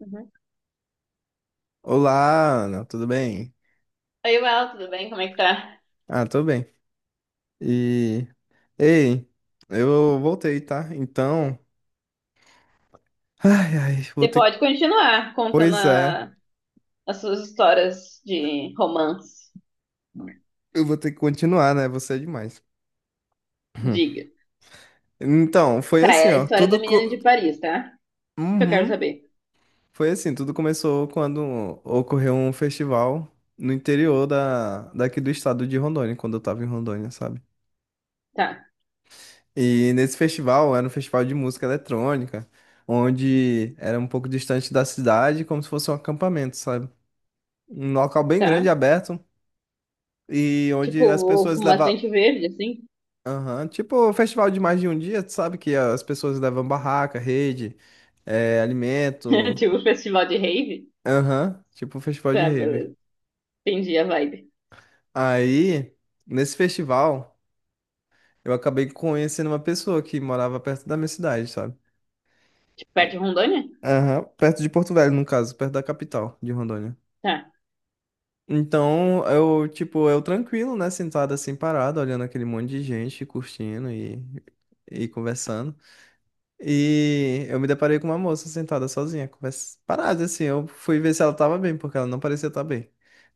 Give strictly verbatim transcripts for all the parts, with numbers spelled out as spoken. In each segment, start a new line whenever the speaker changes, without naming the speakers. Uhum.
Olá, Ana, tudo bem?
Oi, Well, tudo bem? Como é que tá?
Ah, tô bem. E ei, eu voltei, tá? Então, ai, ai, vou
Você
ter,
pode continuar contando
pois é,
a- as suas histórias de romance.
eu vou ter que continuar, né? Você é demais.
Diga.
Então, foi
Tá,
assim,
é a
ó,
história da
tudo
menina
co...
de Paris, tá? Que eu quero
Uhum.
saber.
Foi assim, tudo começou quando ocorreu um festival no interior da daqui do estado de Rondônia, quando eu tava em Rondônia, sabe?
Tá,
E nesse festival, era um festival de música eletrônica, onde era um pouco distante da cidade, como se fosse um acampamento, sabe? Um local bem grande,
tá.
aberto, e onde as
Tipo,
pessoas
com
levavam.
bastante verde, assim.
Aham, Tipo um festival de mais de um dia, tu sabe? Que as pessoas levam barraca, rede, eh, alimento.
Tipo, festival de rave.
Aham, Tipo um festival de
Tá,
rave.
beleza. Entendi a vibe.
Aí, nesse festival, eu acabei conhecendo uma pessoa que morava perto da minha cidade, sabe?
Tipo, perto de Rondônia?
Aham, Perto de Porto Velho, no caso, perto da capital de Rondônia.
Tá.
Então, eu, tipo, eu tranquilo, né? Sentado assim, parado, olhando aquele monte de gente, curtindo e, e conversando. E eu me deparei com uma moça sentada sozinha, conversa... parada assim. Eu fui ver se ela tava bem, porque ela não parecia estar bem.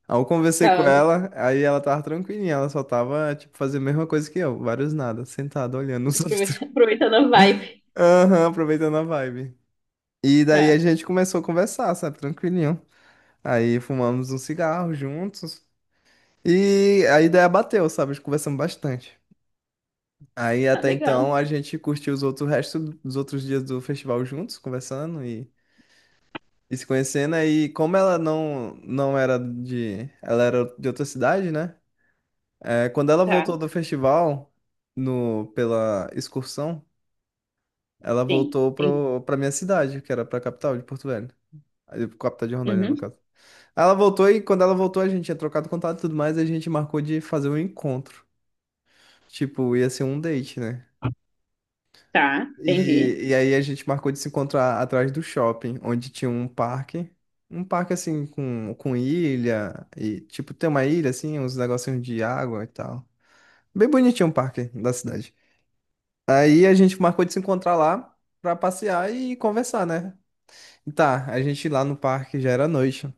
Aí eu conversei com
Tá, aprove-
ela, aí ela tava tranquilinha, ela só tava, tipo, fazendo a mesma coisa que eu, vários nada, sentada, olhando os outros.
aproveitando a vibe.
Aham, aproveitando a vibe. E daí a
Tá.
gente começou a conversar, sabe, tranquilinho. Aí fumamos um cigarro juntos. E a ideia bateu, sabe? Conversamos bastante. Aí
Ah,
até então
legal.
a gente curtiu os outros restos dos outros dias do festival juntos, conversando e, e se conhecendo. Aí como ela não não era de, ela era de outra cidade, né? É, quando ela
Tá,
voltou do festival no pela excursão, ela
sim.
voltou
Entendi.
pro, pra minha cidade, que era pra capital de Porto Velho. Aí, capital de Rondônia no
Uhum.
caso. Aí Ela voltou e, quando ela voltou, a gente tinha trocado contato e tudo mais, e a gente marcou de fazer um encontro. Tipo, ia ser um date, né?
Tá, entendi.
E, e aí a gente marcou de se encontrar atrás do shopping, onde tinha um parque. Um parque assim com, com ilha e tipo tem uma ilha assim, uns negocinhos de água e tal. Bem bonitinho o parque da cidade. Aí a gente marcou de se encontrar lá pra passear e conversar, né? E Tá, a gente lá no parque já era noite.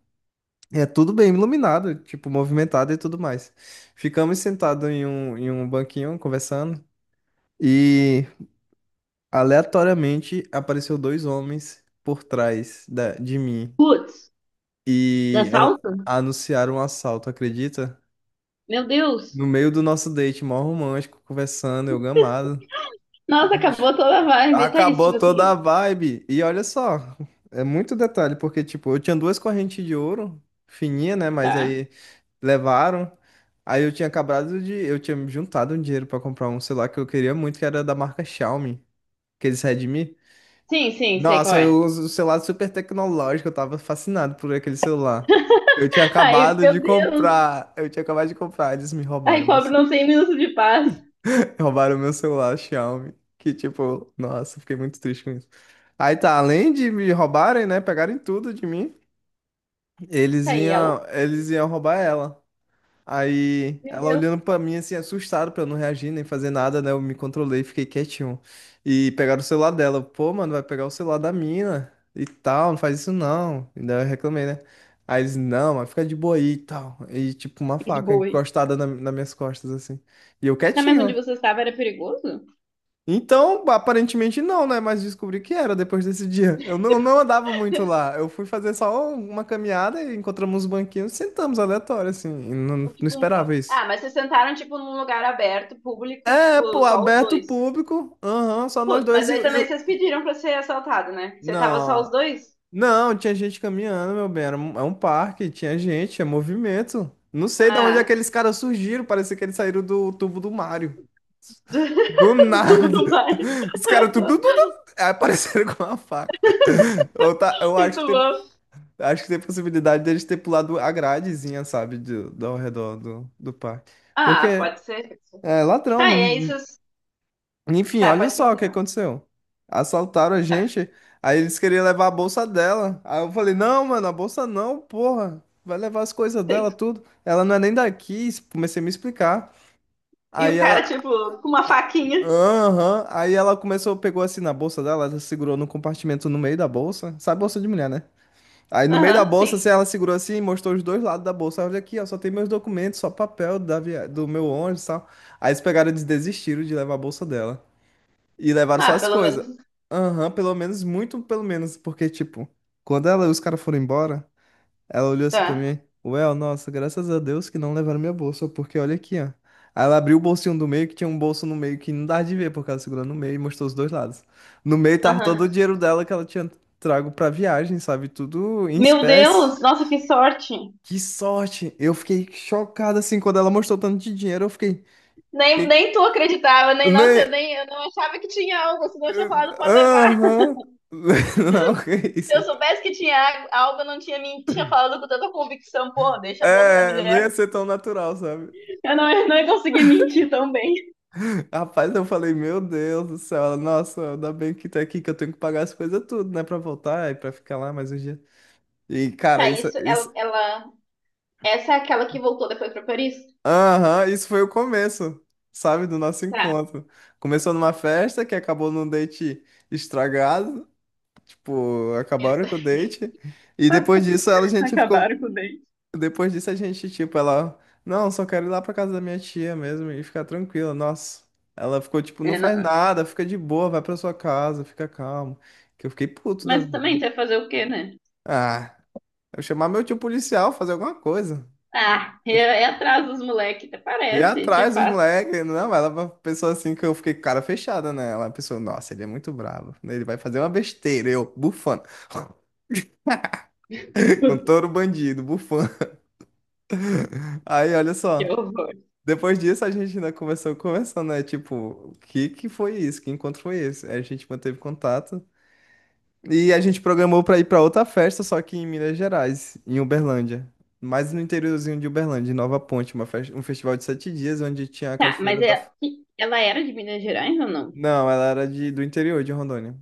E É tudo bem iluminado, tipo movimentado e tudo mais. Ficamos sentados em um, em um banquinho conversando, e aleatoriamente apareceu dois homens por trás da- de mim
Putz, dá
e a-
salto?
anunciaram um assalto, acredita?
Meu Deus.
No meio do nosso date, mó romântico, conversando, eu gamado.
Nossa,
Oxi.
acabou toda a vibe. Tá, isso,
Acabou
tipo
toda
assim,
a vibe. E olha só, é muito detalhe, porque, tipo, eu tinha duas correntes de ouro, fininha, né? Mas
tá.
aí levaram. Aí eu tinha acabado de. Eu tinha juntado um dinheiro pra comprar um celular que eu queria muito, que era da marca Xiaomi, aqueles Redmi.
Sim, sim, sei qual
Nossa, eu
é.
uso o celular super tecnológico, eu tava fascinado por aquele celular. Eu tinha
Ai,
acabado de
meu Deus.
comprar, eu tinha acabado de comprar, eles me
Ai,
roubaram meu,
pobre,
ce-
não tem minuto de paz.
roubaram meu celular Xiaomi, que tipo, nossa, fiquei muito triste com isso. Aí tá, além de me roubarem, né, pegarem tudo de mim, eles
Tá, aí ela.
iam, eles iam roubar ela. Aí
Meu
ela
Deus.
olhando pra mim assim, assustada pra eu não reagir nem fazer nada, né? Eu me controlei, fiquei quietinho. E pegaram o celular dela. Eu, Pô, mano, vai pegar o celular da mina e tal, não faz isso não. E daí eu reclamei, né? Aí eles, não, mas fica de boa aí e tal. E tipo, uma
Fica de
faca
boa aí.
encostada na, nas minhas costas, assim. E eu
Tá, mas
quietinho, ó.
onde você estava era perigoso?
Então, aparentemente não, né? Mas descobri que era depois desse dia. Eu não, não
Depois,
andava muito lá. Eu fui fazer só um, uma caminhada e encontramos uns banquinhos, sentamos aleatório, assim. E não, não
tipo, um...
esperava
pa-
isso.
ah, mas vocês sentaram, tipo, num lugar aberto, público,
É,
tipo,
pô,
só os
aberto o
dois.
público. Aham, só nós
Putz,
dois
mas
e, e
aí também
o-
vocês pediram pra ser assaltado, né? Você tava só os
Não.
dois?
Não, tinha gente caminhando, meu bem. Era um, é um parque, tinha gente, é movimento. Não sei de onde
Ah,
aqueles caras surgiram. Parecia que eles saíram do tubo do Mario. Do
do, tubo
nada.
do mar.
Os caras tudo, tudo, tudo, aí apareceram com uma faca. Eu, tá, eu
Muito
acho que tem,
bom.
acho que tem possibilidade deles ter pulado a gradezinha, sabe? Do, do, ao redor do, do parque. Porque
Ah, pode ser.
é ladrão,
Tá, e aí
não.
vocês.
Enfim,
Tá,
olha
pode
só o que
continuar.
aconteceu. Assaltaram a
Tá,
gente, aí eles queriam levar a bolsa dela. Aí eu falei: "Não, mano, a bolsa não, porra. Vai levar as coisas dela
tem-
tudo. Ela não é nem daqui". Comecei a me explicar.
E o
Aí ela,
cara, tipo, com uma faquinha.
aham, Aí ela começou, pegou assim na bolsa dela, ela segurou no compartimento no meio da bolsa. Sabe bolsa de mulher, né? Aí no meio da
Aham,
bolsa, assim,
sim.
ela segurou assim e mostrou os dois lados da bolsa. Olha aqui, ó, só tem meus documentos, só papel da via... do meu ônibus e tal. Aí eles pegaram e desistiram de levar a bolsa dela. E levaram só
Ah,
as
pelo
coisas.
menos.
Aham, pelo menos, muito pelo menos, porque, tipo, quando ela e os caras foram embora, ela olhou assim pra
Tá.
mim, Well, nossa, graças a Deus que não levaram minha bolsa, porque olha aqui, ó. Aí ela abriu o bolsinho do meio, que tinha um bolso no meio que não dava de ver, porque ela segurou no meio e mostrou os dois lados. No meio tava todo
Aham.
o dinheiro dela que ela tinha trago pra viagem, sabe? Tudo em
Meu
espécie.
Deus, nossa, que sorte.
Que sorte! Eu fiquei chocado, assim, quando ela mostrou tanto de dinheiro, eu fiquei...
Nem,
Que...
nem tu acreditava, nem, nossa,
Nem...
eu nem, eu não achava que tinha algo, senão eu tinha falado pode levar.
Aham... Não, que
Se eu
isso.
soubesse que tinha águ- algo, eu não tinha, men- tinha falado com tanta convicção, pô, deixa a bolsa da
É, não ia
mulher.
ser tão natural, sabe?
Eu não, eu não ia conseguir mentir tão bem.
Rapaz, eu falei, meu Deus do céu, ela, nossa, ainda bem que tá aqui, que eu tenho que pagar as coisas tudo, né, pra voltar e pra ficar lá mais um dia. E, cara,
Tá,
isso,
isso, ela,
isso,
ela, essa é aquela que voltou depois pra Paris?
aham, isso foi o começo, sabe, do nosso
Tá,
encontro. Começou numa festa que acabou num date estragado, tipo, acabaram
essa.
com o date. E depois disso, ela, a gente ficou
Acabaram com o dente.
Depois disso a gente, tipo, ela, não, só quero ir lá pra casa da minha tia mesmo e ficar tranquila, nossa. Ela ficou tipo, não
É,
faz
não.
nada, fica de boa, vai pra sua casa, fica calmo. Que eu fiquei puto da
Mas também
vida.
você vai fazer o quê, né?
Ah, eu chamar meu tio policial, fazer alguma coisa.
Ah, é, é atrás dos moleques, até
E
parece, te
atrás dos
faço.
moleques, não, ela pensou assim que eu fiquei com cara fechada, né? Ela pensou, nossa, ele é muito bravo, né? ele vai fazer uma besteira, eu, bufando. Um touro bandido, bufando. Aí, olha
Que
só.
horror.
Depois disso, a gente ainda começou conversando, né? Tipo, o que que foi isso? Que encontro foi esse? Aí a gente manteve contato. E a gente programou pra ir pra outra festa, só que em Minas Gerais, em Uberlândia. Mais no interiorzinho de Uberlândia, em Nova Ponte, uma fes- um festival de sete dias, onde tinha a
Tá, mas
Cachoeira da... F-
é, ela era de Minas Gerais ou não?
Não, ela era de, do interior de Rondônia.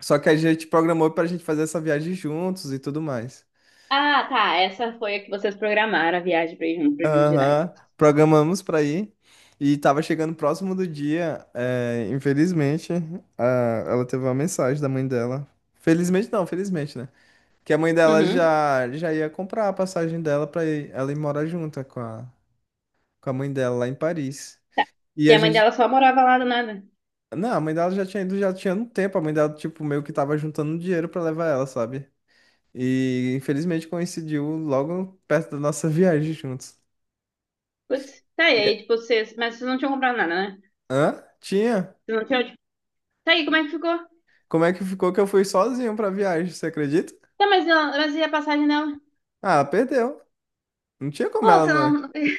Só que a gente programou pra gente fazer essa viagem juntos e tudo mais.
Ah, tá, essa foi a que vocês programaram a viagem pra ir junto pra Minas Gerais.
Aham, programamos pra ir e tava chegando próximo do dia. é, infelizmente, a- ela teve uma mensagem da mãe dela. Felizmente não, felizmente, né? Que a mãe dela
Uhum,
já, já ia comprar a passagem dela pra ir- ela ir morar junto com a, com a mãe dela lá em Paris.
tá.
E
E
a
a mãe
gente.
dela só morava lá do nada.
Não, a mãe dela já tinha ido, já tinha um tempo. A mãe dela, tipo, meio que tava juntando dinheiro pra levar ela, sabe? E infelizmente coincidiu logo perto da nossa viagem juntos.
Putz, tá, e
E-
aí, tipo, vocês. Mas vocês não tinham comprado nada, né?
Hã? Tinha?
Vocês não tinham, tipo, tá, aí, como é que ficou?
Como é que ficou que eu fui sozinho pra viagem, você acredita?
Tá, mas, ela- mas e a passagem dela?
Ah, perdeu. Não tinha como
Pô,
ela
você
não.
não.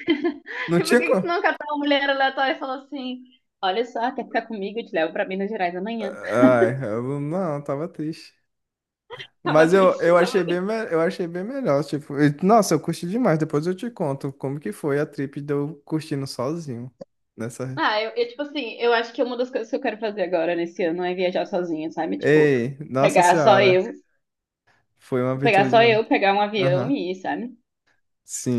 Não
Por
tinha
que que você
como.
não catou uma mulher aleatória e falou assim? Olha só, quer ficar comigo? Eu te levo pra Minas Gerais amanhã.
Ai, eu não, eu tava triste.
Tava
Mas eu,
triste,
eu
tava.
achei bem, me- eu achei bem melhor, tipo, e- nossa, eu curti demais. Depois eu te conto como que foi a trip de eu curtindo sozinho nessa.
Ah, eu, eu, tipo assim, eu acho que uma das coisas que eu quero fazer agora nesse ano é viajar sozinha, sabe? Tipo,
Ei, nossa
pegar só eu,
senhora, foi uma
pegar
aventura
só
demais.
eu, pegar um avião
Aham.
e ir, sabe?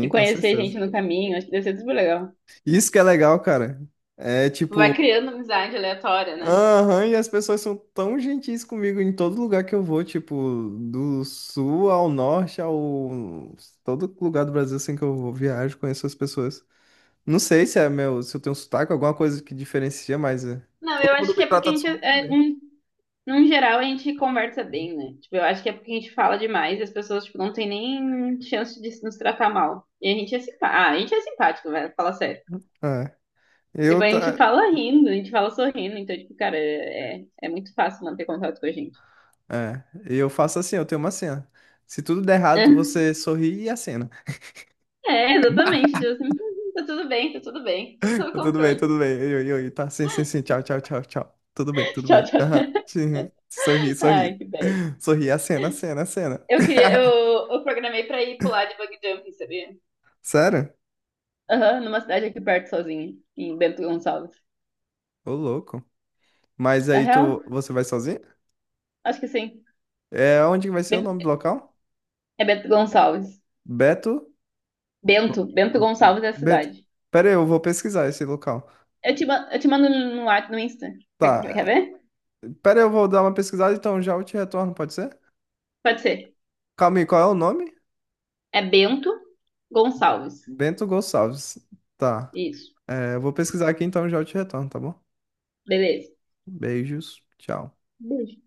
E
com
conhecer gente
certeza.
no caminho, acho que deve ser super legal.
Isso que é legal, cara. É
Vai
tipo,
criando amizade aleatória, né?
Aham, e as pessoas são tão gentis comigo em todo lugar que eu vou, tipo, do sul ao norte, ao todo lugar do Brasil assim que eu vou, viajo, conheço as pessoas. Não sei se é meu, se eu tenho sotaque, alguma coisa que diferencia, mas é,
Não, eu
todo
acho
mundo
que
me
é porque a
trata
gente,
super
é,
bem.
num, num geral, a gente conversa bem, né? Tipo, eu acho que é porque a gente fala demais e as pessoas, tipo, não tem nem chance de se nos tratar mal. E a gente é simpático. Ah, a gente é simpático, velho, fala sério.
É,
Tipo, a
eu
gente
tá,
fala rindo, a gente fala sorrindo, então, tipo, cara, é, é muito fácil manter contato com a gente.
é, eu faço assim, eu tenho uma cena. Se tudo der errado, você sorri e acena.
É, exatamente, tipo assim, "Hum, tá tudo bem, tá tudo bem, tudo sob
Tudo bem,
controle.
tudo bem. Oi, oi, oi. Tá, sim, sim, sim. Tchau, tchau, tchau. tchau. Tudo bem, tudo
Tchau,
bem.
tchau.
Aham. Sim. Sorri,
Ai,
sorri.
que bad.
Sorri, a cena, a cena, a cena.
Eu queria, eu, eu programei pra ir pular de bug jumping, sabia?
Sério?
Aham, numa cidade aqui perto sozinha, em Bento Gonçalves.
Ô, louco. Mas
Na
aí
real,
tu, você vai sozinho?
acho que sim.
É, onde que vai ser o nome do
Bento-
local?
é Bento Gonçalves.
Beto?
Bento, Bento Gonçalves é a
Beto.
cidade.
Pera aí, eu vou pesquisar esse local.
Eu te, ma- eu te mando no, no, Whats- no Insta. Quer, quer
Tá.
ver?
Pera aí, eu vou dar uma pesquisada, então já eu te retorno, pode ser?
Pode ser.
Calma aí, qual é o nome?
É Bento Gonçalves.
Bento Gonçalves. Tá.
Isso.
É, eu vou pesquisar aqui, então já eu te retorno, tá bom?
Beleza.
Beijos. Tchau.
Beijo.